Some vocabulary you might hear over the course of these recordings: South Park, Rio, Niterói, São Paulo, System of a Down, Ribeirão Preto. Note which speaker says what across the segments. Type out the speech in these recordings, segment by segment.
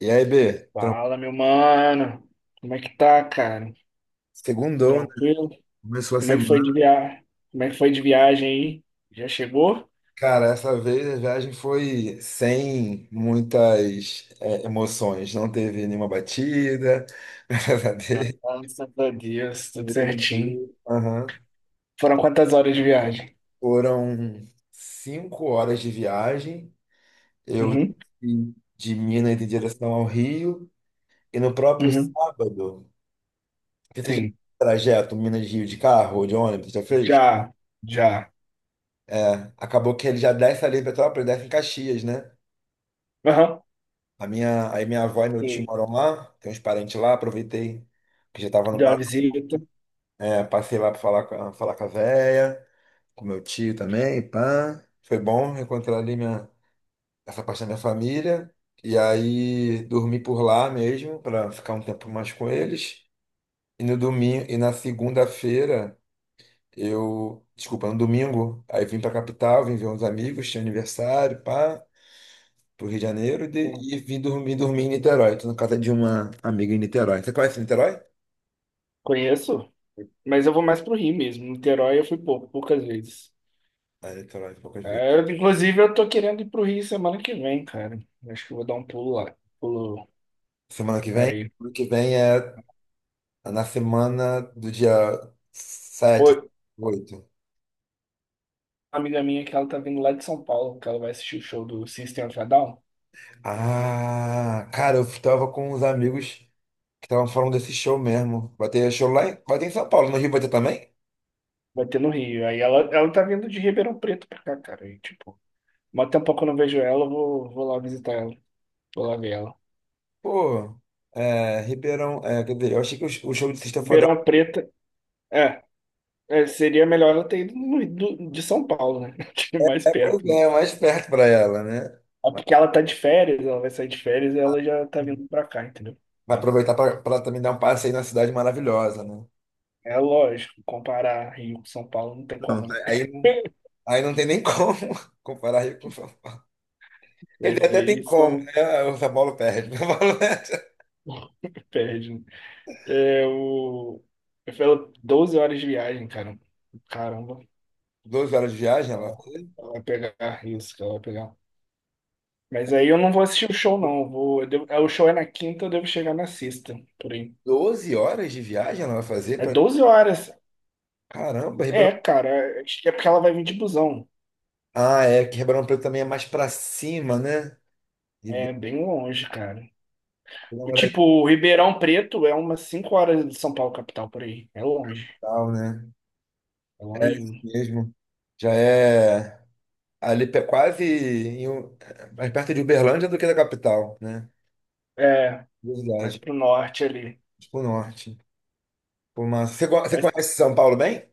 Speaker 1: E aí, B,
Speaker 2: Fala, meu mano. Como é que tá, cara?
Speaker 1: segundou, né?
Speaker 2: Tranquilo?
Speaker 1: Começou a
Speaker 2: Como é que foi de
Speaker 1: semana.
Speaker 2: viagem? Como é que foi de viagem aí? Já chegou?
Speaker 1: Cara, essa vez a viagem foi sem muitas emoções. Não teve nenhuma batida, graças a Deus.
Speaker 2: Graças a Deus, tudo
Speaker 1: Tive
Speaker 2: certinho.
Speaker 1: tranquilo. Aham.
Speaker 2: Foram quantas horas de viagem?
Speaker 1: Foram 5 horas de viagem. Eu
Speaker 2: Uhum,
Speaker 1: desci de Minas em direção ao Rio. E no próprio
Speaker 2: uhum.
Speaker 1: sábado, você já fez um
Speaker 2: Sim,
Speaker 1: trajeto Minas-Rio de carro ou de ônibus? Já fez?
Speaker 2: já, já.
Speaker 1: É, acabou que ele já desce ali em Petrópolis, desce em Caxias, né?
Speaker 2: Aham,
Speaker 1: Aí minha avó e meu
Speaker 2: sim.
Speaker 1: tio moram lá, tem uns parentes lá, aproveitei que já tava no
Speaker 2: Deu uma visita.
Speaker 1: passei lá pra falar com a véia, com meu tio também, pá. Foi bom reencontrar ali essa parte da minha família. E aí dormi por lá mesmo, pra ficar um tempo mais com eles. E no domingo, e na segunda-feira, eu, desculpa, no domingo, aí vim pra capital, vim ver uns amigos, tinha aniversário, pá. Pro Rio de Janeiro e,
Speaker 2: Hum,
Speaker 1: e vim dormir em Niterói. Tô na casa de uma amiga em Niterói. Você conhece Niterói?
Speaker 2: Conheço, mas eu vou mais pro Rio mesmo. Niterói eu fui pouco, poucas vezes.
Speaker 1: Ah, Niterói, poucas vezes.
Speaker 2: É, inclusive, eu tô querendo ir pro Rio semana que vem, cara. Acho que eu vou dar um pulo lá. Pulo
Speaker 1: Semana que vem?
Speaker 2: aí.
Speaker 1: Semana que vem é na semana do dia 7,
Speaker 2: Pô,
Speaker 1: 8.
Speaker 2: amiga minha que ela tá vindo lá de São Paulo, que ela vai assistir o show do System of a Down.
Speaker 1: Ah, cara, eu estava com uns amigos que estavam falando desse show mesmo. Vai ter show vai ter em São Paulo, no Rio vai ter também?
Speaker 2: Vai ter no Rio. Aí ela tá vindo de Ribeirão Preto pra cá, cara. E, tipo, mó tempo que eu não vejo ela, eu vou lá visitar ela. Vou lá ver ela.
Speaker 1: Pô, Ribeirão, quer dizer, eu achei que o show de sexta-feira
Speaker 2: Ribeirão Preto, é, seria melhor ela ter ido de São Paulo, né? Que é mais
Speaker 1: pois
Speaker 2: perto, mas...
Speaker 1: é, é mais perto pra ela, né?
Speaker 2: É porque ela tá de férias, ela vai sair de férias e ela já tá vindo pra cá, entendeu?
Speaker 1: Vai
Speaker 2: Sim.
Speaker 1: aproveitar para também dar um passeio na cidade maravilhosa, né?
Speaker 2: É lógico, comparar Rio com São Paulo não tem
Speaker 1: Não,
Speaker 2: como,
Speaker 1: tá,
Speaker 2: né?
Speaker 1: aí, não tem nem como comparar Rio com São Paulo. Quer dizer,
Speaker 2: Mas
Speaker 1: até tem
Speaker 2: aí
Speaker 1: como,
Speaker 2: só
Speaker 1: né? O São Paulo perde. São Paulo perde.
Speaker 2: perde, né? É, o... Eu falo 12 horas de viagem, cara. Caramba.
Speaker 1: 12 horas de viagem ela vai
Speaker 2: Ela
Speaker 1: fazer?
Speaker 2: ela vai pegar isso, que ela vai pegar. Mas aí eu não vou assistir o show, não. Eu vou... eu o show é na quinta, eu devo chegar na sexta, por aí.
Speaker 1: 12 horas de viagem ela vai fazer?
Speaker 2: É
Speaker 1: Pra...
Speaker 2: 12 horas.
Speaker 1: Caramba,
Speaker 2: É,
Speaker 1: Ribeirão.
Speaker 2: cara. Acho que é porque ela vai vir de busão.
Speaker 1: Ah, é que Ribeirão Preto também é mais para cima, né?
Speaker 2: É
Speaker 1: Ribeirão
Speaker 2: bem longe, cara. O
Speaker 1: Preto é
Speaker 2: tipo, o Ribeirão Preto é umas 5 horas de São Paulo, capital, por aí. É longe.
Speaker 1: tal, né?
Speaker 2: É
Speaker 1: É isso
Speaker 2: longinho.
Speaker 1: mesmo. Já é ali quase mais perto de Uberlândia do que da capital, né?
Speaker 2: É, mais
Speaker 1: Verdade.
Speaker 2: pro norte ali.
Speaker 1: Tipo norte. Pô, mas você
Speaker 2: Mas
Speaker 1: conhece São Paulo bem?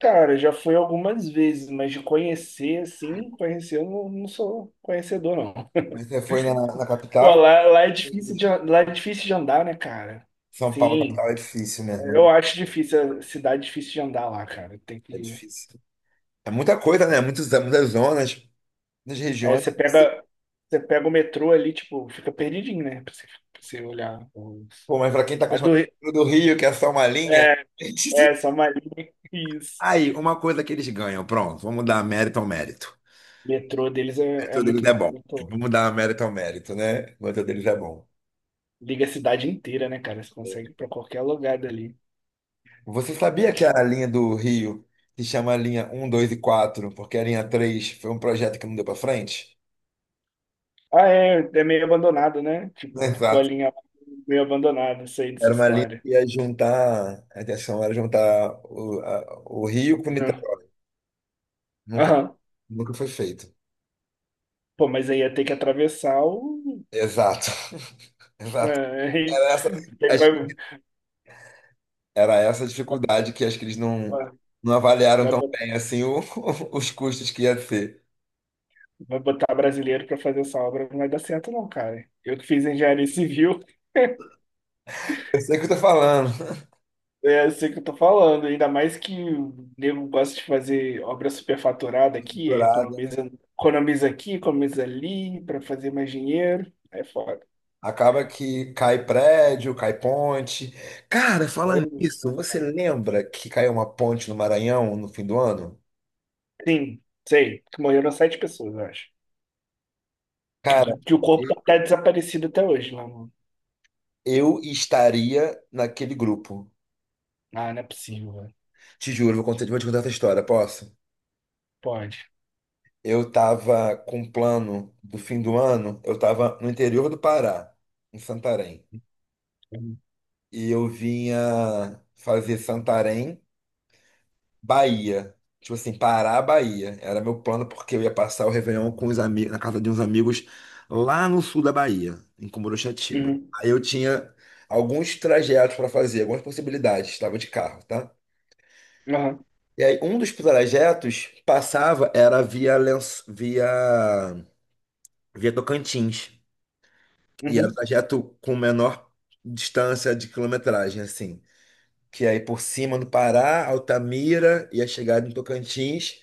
Speaker 2: cara, já fui algumas vezes, mas de conhecer, assim, conhecer, eu não sou conhecedor, não.
Speaker 1: Você foi na
Speaker 2: Pô,
Speaker 1: capital?
Speaker 2: lá é difícil de andar, né, cara?
Speaker 1: São Paulo,
Speaker 2: Sim,
Speaker 1: capital, é difícil mesmo, né?
Speaker 2: eu acho difícil, a cidade é difícil de andar lá, cara. Tem
Speaker 1: É
Speaker 2: que...
Speaker 1: difícil. É muita coisa, né? Muitos, muitas zonas, muitas
Speaker 2: É,
Speaker 1: regiões. Assim,
Speaker 2: você pega o metrô ali, tipo, fica perdidinho, né? Pra você olhar os...
Speaker 1: pô, mas pra quem tá
Speaker 2: A do...
Speaker 1: acostumado com o do Rio, que é só uma linha.
Speaker 2: É, só uma linha, isso.
Speaker 1: Aí, uma coisa que eles ganham, pronto, vamos dar mérito ao mérito.
Speaker 2: O metrô deles
Speaker 1: O
Speaker 2: é, é
Speaker 1: mérito deles
Speaker 2: muito,
Speaker 1: é bom.
Speaker 2: muito...
Speaker 1: Vamos dar mérito ao mérito, né? O mérito deles é bom.
Speaker 2: Liga a cidade inteira, né, cara? Você consegue ir pra qualquer lugar dali.
Speaker 1: Você sabia que a linha do Rio se chama linha um, 2 e quatro, porque a linha 3 foi um projeto que não deu pra frente?
Speaker 2: Ah, é, é meio abandonado, né? Tipo, ficou a
Speaker 1: Exato.
Speaker 2: linha meio abandonada, sei dessa
Speaker 1: Era uma linha
Speaker 2: história.
Speaker 1: que ia juntar, a intenção era juntar o Rio com
Speaker 2: Não.
Speaker 1: Niterói. Nunca,
Speaker 2: Aham.
Speaker 1: nunca foi feito.
Speaker 2: Pô, mas aí ia ter que atravessar o.
Speaker 1: Exato.
Speaker 2: É,
Speaker 1: Exato.
Speaker 2: aí-
Speaker 1: Era essa,
Speaker 2: aí
Speaker 1: acho
Speaker 2: vai,
Speaker 1: que era essa a dificuldade que acho que eles não,
Speaker 2: vai,
Speaker 1: não avaliaram
Speaker 2: vai
Speaker 1: tão
Speaker 2: bot-
Speaker 1: bem assim os custos que ia ser.
Speaker 2: vai botar brasileiro pra fazer essa obra, não vai dar certo, não, cara. Eu que fiz engenharia civil,
Speaker 1: Eu sei o que eu tô falando.
Speaker 2: é, eu sei o que eu tô falando. Ainda mais que o nego gosta de fazer obra superfaturada aqui, aí
Speaker 1: Estruturada.
Speaker 2: economiza, economiza aqui, economiza ali pra fazer mais dinheiro. É foda.
Speaker 1: Acaba que cai prédio, cai ponte. Cara, falando nisso, você lembra que caiu uma ponte no Maranhão no fim do ano?
Speaker 2: Sim, sei. Que morreram sete pessoas, eu acho. Que,
Speaker 1: Cara,
Speaker 2: que o corpo tá até desaparecido até hoje lá no.
Speaker 1: eu estaria naquele grupo.
Speaker 2: Ah, não é possível, velho.
Speaker 1: Te juro, vou te contar essa história, posso?
Speaker 2: Pode.
Speaker 1: Eu tava com um plano do fim do ano, eu tava no interior do Pará, em Santarém.
Speaker 2: Uhum.
Speaker 1: E eu vinha fazer Santarém, Bahia. Tipo assim, Pará, Bahia. Era meu plano porque eu ia passar o Réveillon com os amigos, na casa de uns amigos lá no sul da Bahia, em Cumuruxatiba.
Speaker 2: Uhum.
Speaker 1: Aí eu tinha alguns trajetos para fazer, algumas possibilidades, estava de carro, tá?
Speaker 2: Aham.
Speaker 1: E aí, um dos trajetos passava, era via Tocantins. E era o
Speaker 2: Uhum.
Speaker 1: trajeto com menor distância de quilometragem, assim. Que aí por cima do Pará, Altamira, ia chegar em Tocantins.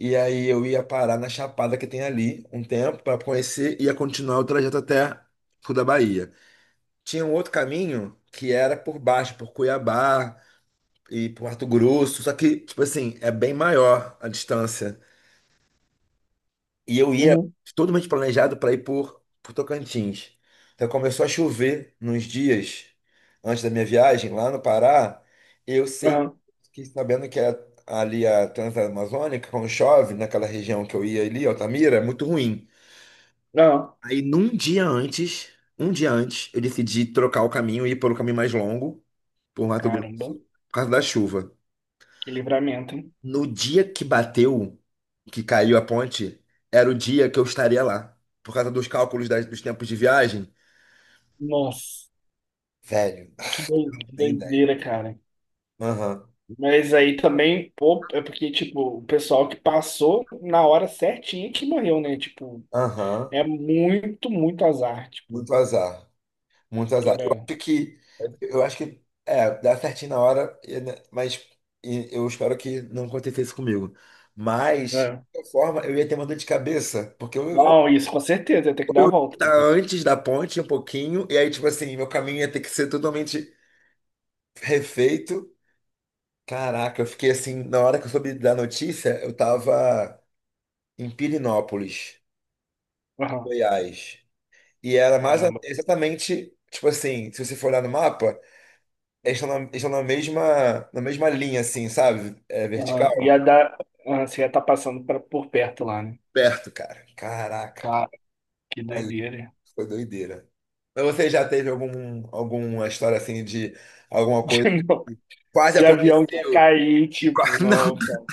Speaker 1: E aí eu ia parar na Chapada que tem ali um tempo para conhecer e ia continuar o trajeto até sul da Bahia. Tinha um outro caminho que era por baixo, por Cuiabá e por Mato Grosso. Só que, tipo assim, é bem maior a distância. E eu ia
Speaker 2: Uhum.
Speaker 1: totalmente planejado para ir por Tocantins. Então começou a chover nos dias antes da minha viagem, lá no Pará. Eu sei,
Speaker 2: Aham.
Speaker 1: fiquei sabendo que ali a Transamazônica, quando chove, naquela região que eu ia ali, Altamira, é muito ruim.
Speaker 2: Aham.
Speaker 1: Aí num dia antes, um dia antes, eu decidi trocar o caminho e ir pelo caminho mais longo, por Mato Grosso,
Speaker 2: Caramba.
Speaker 1: por causa da chuva.
Speaker 2: Que livramento, hein?
Speaker 1: No dia que bateu, que caiu a ponte, era o dia que eu estaria lá. Por causa dos cálculos dos tempos de viagem.
Speaker 2: Nossa.
Speaker 1: Velho,
Speaker 2: Que
Speaker 1: nem ideia.
Speaker 2: doideira, cara.
Speaker 1: Aham,
Speaker 2: Mas aí também, pô, é porque, tipo, o pessoal que passou na hora certinha que morreu, né? Tipo,
Speaker 1: aham.
Speaker 2: é muito, muito azar, tipo,
Speaker 1: Muito azar. Muito
Speaker 2: que
Speaker 1: azar. Eu
Speaker 2: era.
Speaker 1: acho que. Eu acho que. É, dá certinho na hora, né, mas e eu espero que não acontecesse comigo. Mas, de
Speaker 2: É.
Speaker 1: qualquer forma, eu ia ter uma dor de cabeça, porque eu, eu,
Speaker 2: Não, isso com certeza, ia ter que dar
Speaker 1: eu
Speaker 2: a
Speaker 1: ia
Speaker 2: volta
Speaker 1: estar
Speaker 2: depois.
Speaker 1: antes da ponte um pouquinho, e aí, tipo assim, meu caminho ia ter que ser totalmente refeito. Caraca, eu fiquei assim, na hora que eu soube da notícia, eu tava em Pirinópolis, Goiás. E era mais
Speaker 2: Caramba.
Speaker 1: exatamente, tipo assim, se você for olhar no mapa, eles estão na mesma linha, assim, sabe? É
Speaker 2: Aham.
Speaker 1: vertical.
Speaker 2: Ia dar, ah, você ia estar por perto lá, né?
Speaker 1: Perto, cara. Caraca.
Speaker 2: Cara, que
Speaker 1: Aí,
Speaker 2: doideira.
Speaker 1: foi doideira. Mas você já teve algum, alguma história assim de alguma coisa que
Speaker 2: Não,
Speaker 1: quase
Speaker 2: de avião que ia
Speaker 1: aconteceu?
Speaker 2: cair,
Speaker 1: E
Speaker 2: tipo,
Speaker 1: quase. Não.
Speaker 2: não, cara.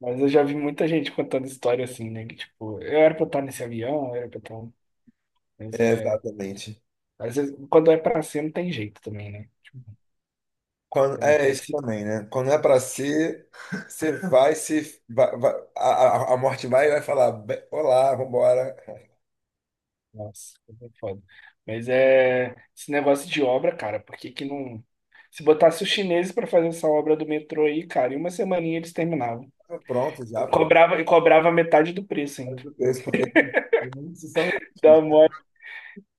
Speaker 2: Mas eu já vi muita gente contando história assim, né? Que, tipo, eu era pra eu estar nesse avião, eu era pra eu estar. Um, mas
Speaker 1: É,
Speaker 2: é.
Speaker 1: exatamente.
Speaker 2: Às vezes, quando é pra ser, não tem jeito também, né?
Speaker 1: Quando,
Speaker 2: É,
Speaker 1: é
Speaker 2: é
Speaker 1: isso
Speaker 2: se-
Speaker 1: também, né? Quando é pra ser, você vai se. Vai- vai- a morte vai e vai falar: Olá, vambora."
Speaker 2: nossa, é foda. Mas é. Esse negócio de obra, cara, por que que não. Se botasse os chineses pra fazer essa obra do metrô aí, cara, em uma semaninha eles terminavam.
Speaker 1: Ah, pronto, já, pô.
Speaker 2: E cobrava metade do preço
Speaker 1: Faz
Speaker 2: ainda.
Speaker 1: o preço, porque muitos são.
Speaker 2: Dá mole,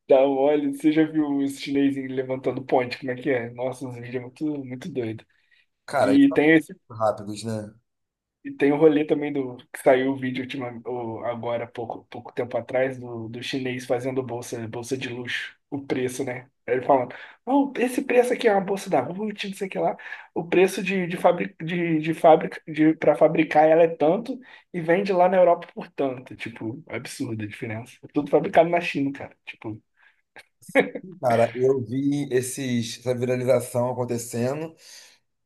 Speaker 2: dá mole. Você já viu os chineses levantando ponte? Como é que é? Nossa, uns vídeos muito, muito doido.
Speaker 1: Cara, eles
Speaker 2: E
Speaker 1: são
Speaker 2: tem,
Speaker 1: muito rápidos, né?
Speaker 2: E tem o rolê também do que saiu o vídeo ultima, agora, pouco, pouco tempo atrás, do chinês fazendo bolsa, bolsa de luxo, o preço, né? Ele falando, não, esse preço aqui é uma bolsa da Ruth, não sei o que lá. O preço de fábrica para fabricar ela é tanto e vende lá na Europa por tanto. Tipo, absurda a diferença. É tudo fabricado na China, cara. Tipo,
Speaker 1: Cara, eu vi essa viralização acontecendo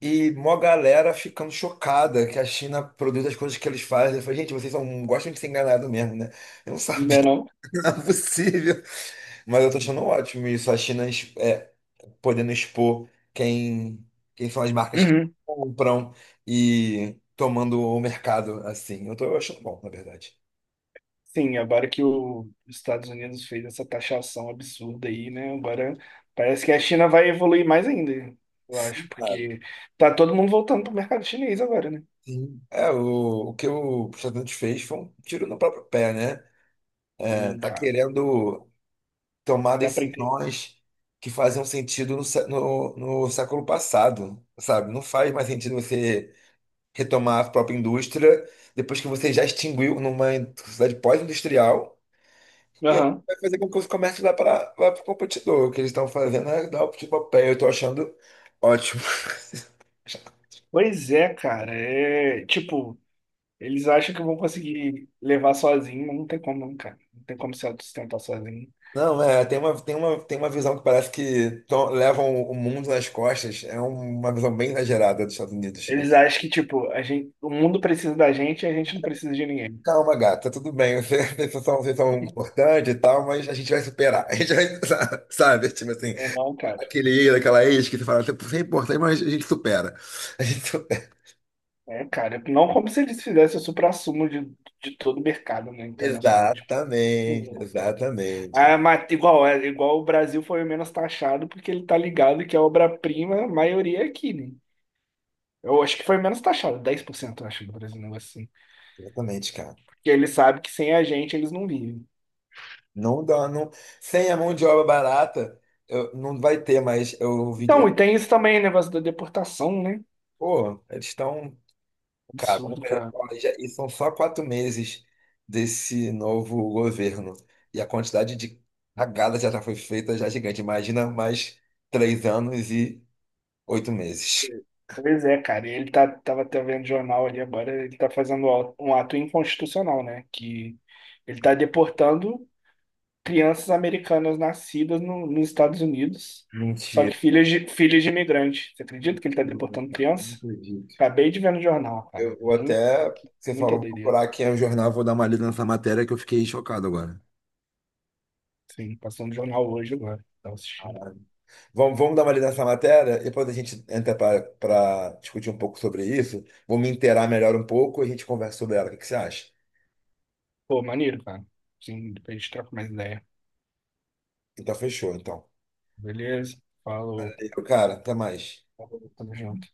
Speaker 1: e mó galera ficando chocada que a China produz as coisas que eles fazem. Eu falei, gente, vocês são, gostam de ser enganado mesmo, né? Eu não
Speaker 2: não
Speaker 1: sabia,
Speaker 2: é não?
Speaker 1: não é possível. Mas eu tô achando ótimo isso, a China podendo expor quem são as marcas que
Speaker 2: Uhum.
Speaker 1: compram e tomando o mercado assim. Eu tô achando bom, na verdade.
Speaker 2: Sim, agora que os Estados Unidos fez essa taxação absurda aí, né? Agora parece que a China vai evoluir mais ainda, eu acho,
Speaker 1: Claro.
Speaker 2: porque tá todo mundo voltando pro mercado chinês agora, né?
Speaker 1: Sim. É, o que o Presidente fez foi um tiro no próprio pé, né? É,
Speaker 2: Sim,
Speaker 1: tá
Speaker 2: cara.
Speaker 1: querendo tomar
Speaker 2: Não dá pra entender.
Speaker 1: decisões que faziam sentido no século passado, sabe? Não faz mais sentido você retomar a própria indústria depois que você já extinguiu numa sociedade pós-industrial. E aí
Speaker 2: Aham.
Speaker 1: vai fazer com que os comércios vá para o competidor. O que eles estão fazendo é dar o tipo a pé. Eu estou achando ótimo.
Speaker 2: Pois é, cara. É tipo, eles acham que vão conseguir levar sozinho, mas não tem como, não, cara. Não tem como se autossustentar sozinho.
Speaker 1: Não, é, tem uma visão que parece que levam o mundo nas costas. É um, uma visão bem exagerada dos Estados Unidos.
Speaker 2: Eles acham que, tipo, a gente, o mundo precisa da gente e a gente não precisa de ninguém.
Speaker 1: Calma, gata, tudo bem. Vocês são importantes e tal, mas a gente vai superar. A gente vai, sabe? Tipo assim,
Speaker 2: Não, não, cara.
Speaker 1: aquele ex, aquela ex que você fala, você é importante, mas a gente supera. A gente supera.
Speaker 2: É, cara, não como se eles fizessem o suprassumo de todo o mercado, né, internacional, tipo.
Speaker 1: Exatamente,
Speaker 2: Uhum.
Speaker 1: exatamente.
Speaker 2: Ah, mas igual, é, igual o Brasil foi o menos taxado, porque ele tá ligado que a obra-prima, a maioria é aqui, né? Eu acho que foi menos taxado, 10%, eu acho, do Brasil, um negócio assim.
Speaker 1: Exatamente, cara.
Speaker 2: Porque ele sabe que sem a gente eles não vivem.
Speaker 1: Não dá, não. Sem a mão de obra barata, não vai ter mais. Eu ouvi.
Speaker 2: Então, e tem isso também, negócio da deportação, né?
Speaker 1: Pô, eles estão. Cara, vamos
Speaker 2: Absurdo,
Speaker 1: ver,
Speaker 2: cara.
Speaker 1: olha, e são só 4 meses desse novo governo. E a quantidade de cagada já foi feita já é gigante. Imagina mais 3 anos e 8 meses.
Speaker 2: Pois é, cara, ele tá, tava até vendo jornal ali agora, ele tá fazendo um ato inconstitucional, né? Que ele tá deportando crianças americanas nascidas nos Estados Unidos, só que
Speaker 1: Mentira.
Speaker 2: filhas de imigrante. Você acredita que ele está
Speaker 1: Não,
Speaker 2: deportando
Speaker 1: cara, não
Speaker 2: criança?
Speaker 1: acredito.
Speaker 2: Acabei de ver no jornal, cara.
Speaker 1: Eu vou
Speaker 2: Muito,
Speaker 1: até. Você falou,
Speaker 2: muita
Speaker 1: vou
Speaker 2: doideira.
Speaker 1: procurar aqui no jornal, vou dar uma lida nessa matéria que eu fiquei chocado agora.
Speaker 2: Sim, passou no jornal hoje agora. Tava assistindo.
Speaker 1: Vamos dar uma lida nessa matéria, depois a gente entra para discutir um pouco sobre isso. Vou me inteirar melhor um pouco e a gente conversa sobre ela. O que que você acha?
Speaker 2: Pô, maneiro, cara. Sim, depois a gente troca mais ideia.
Speaker 1: Então, fechou, então.
Speaker 2: Beleza? Falou.
Speaker 1: Valeu, cara, até mais.
Speaker 2: Falou, tamo junto.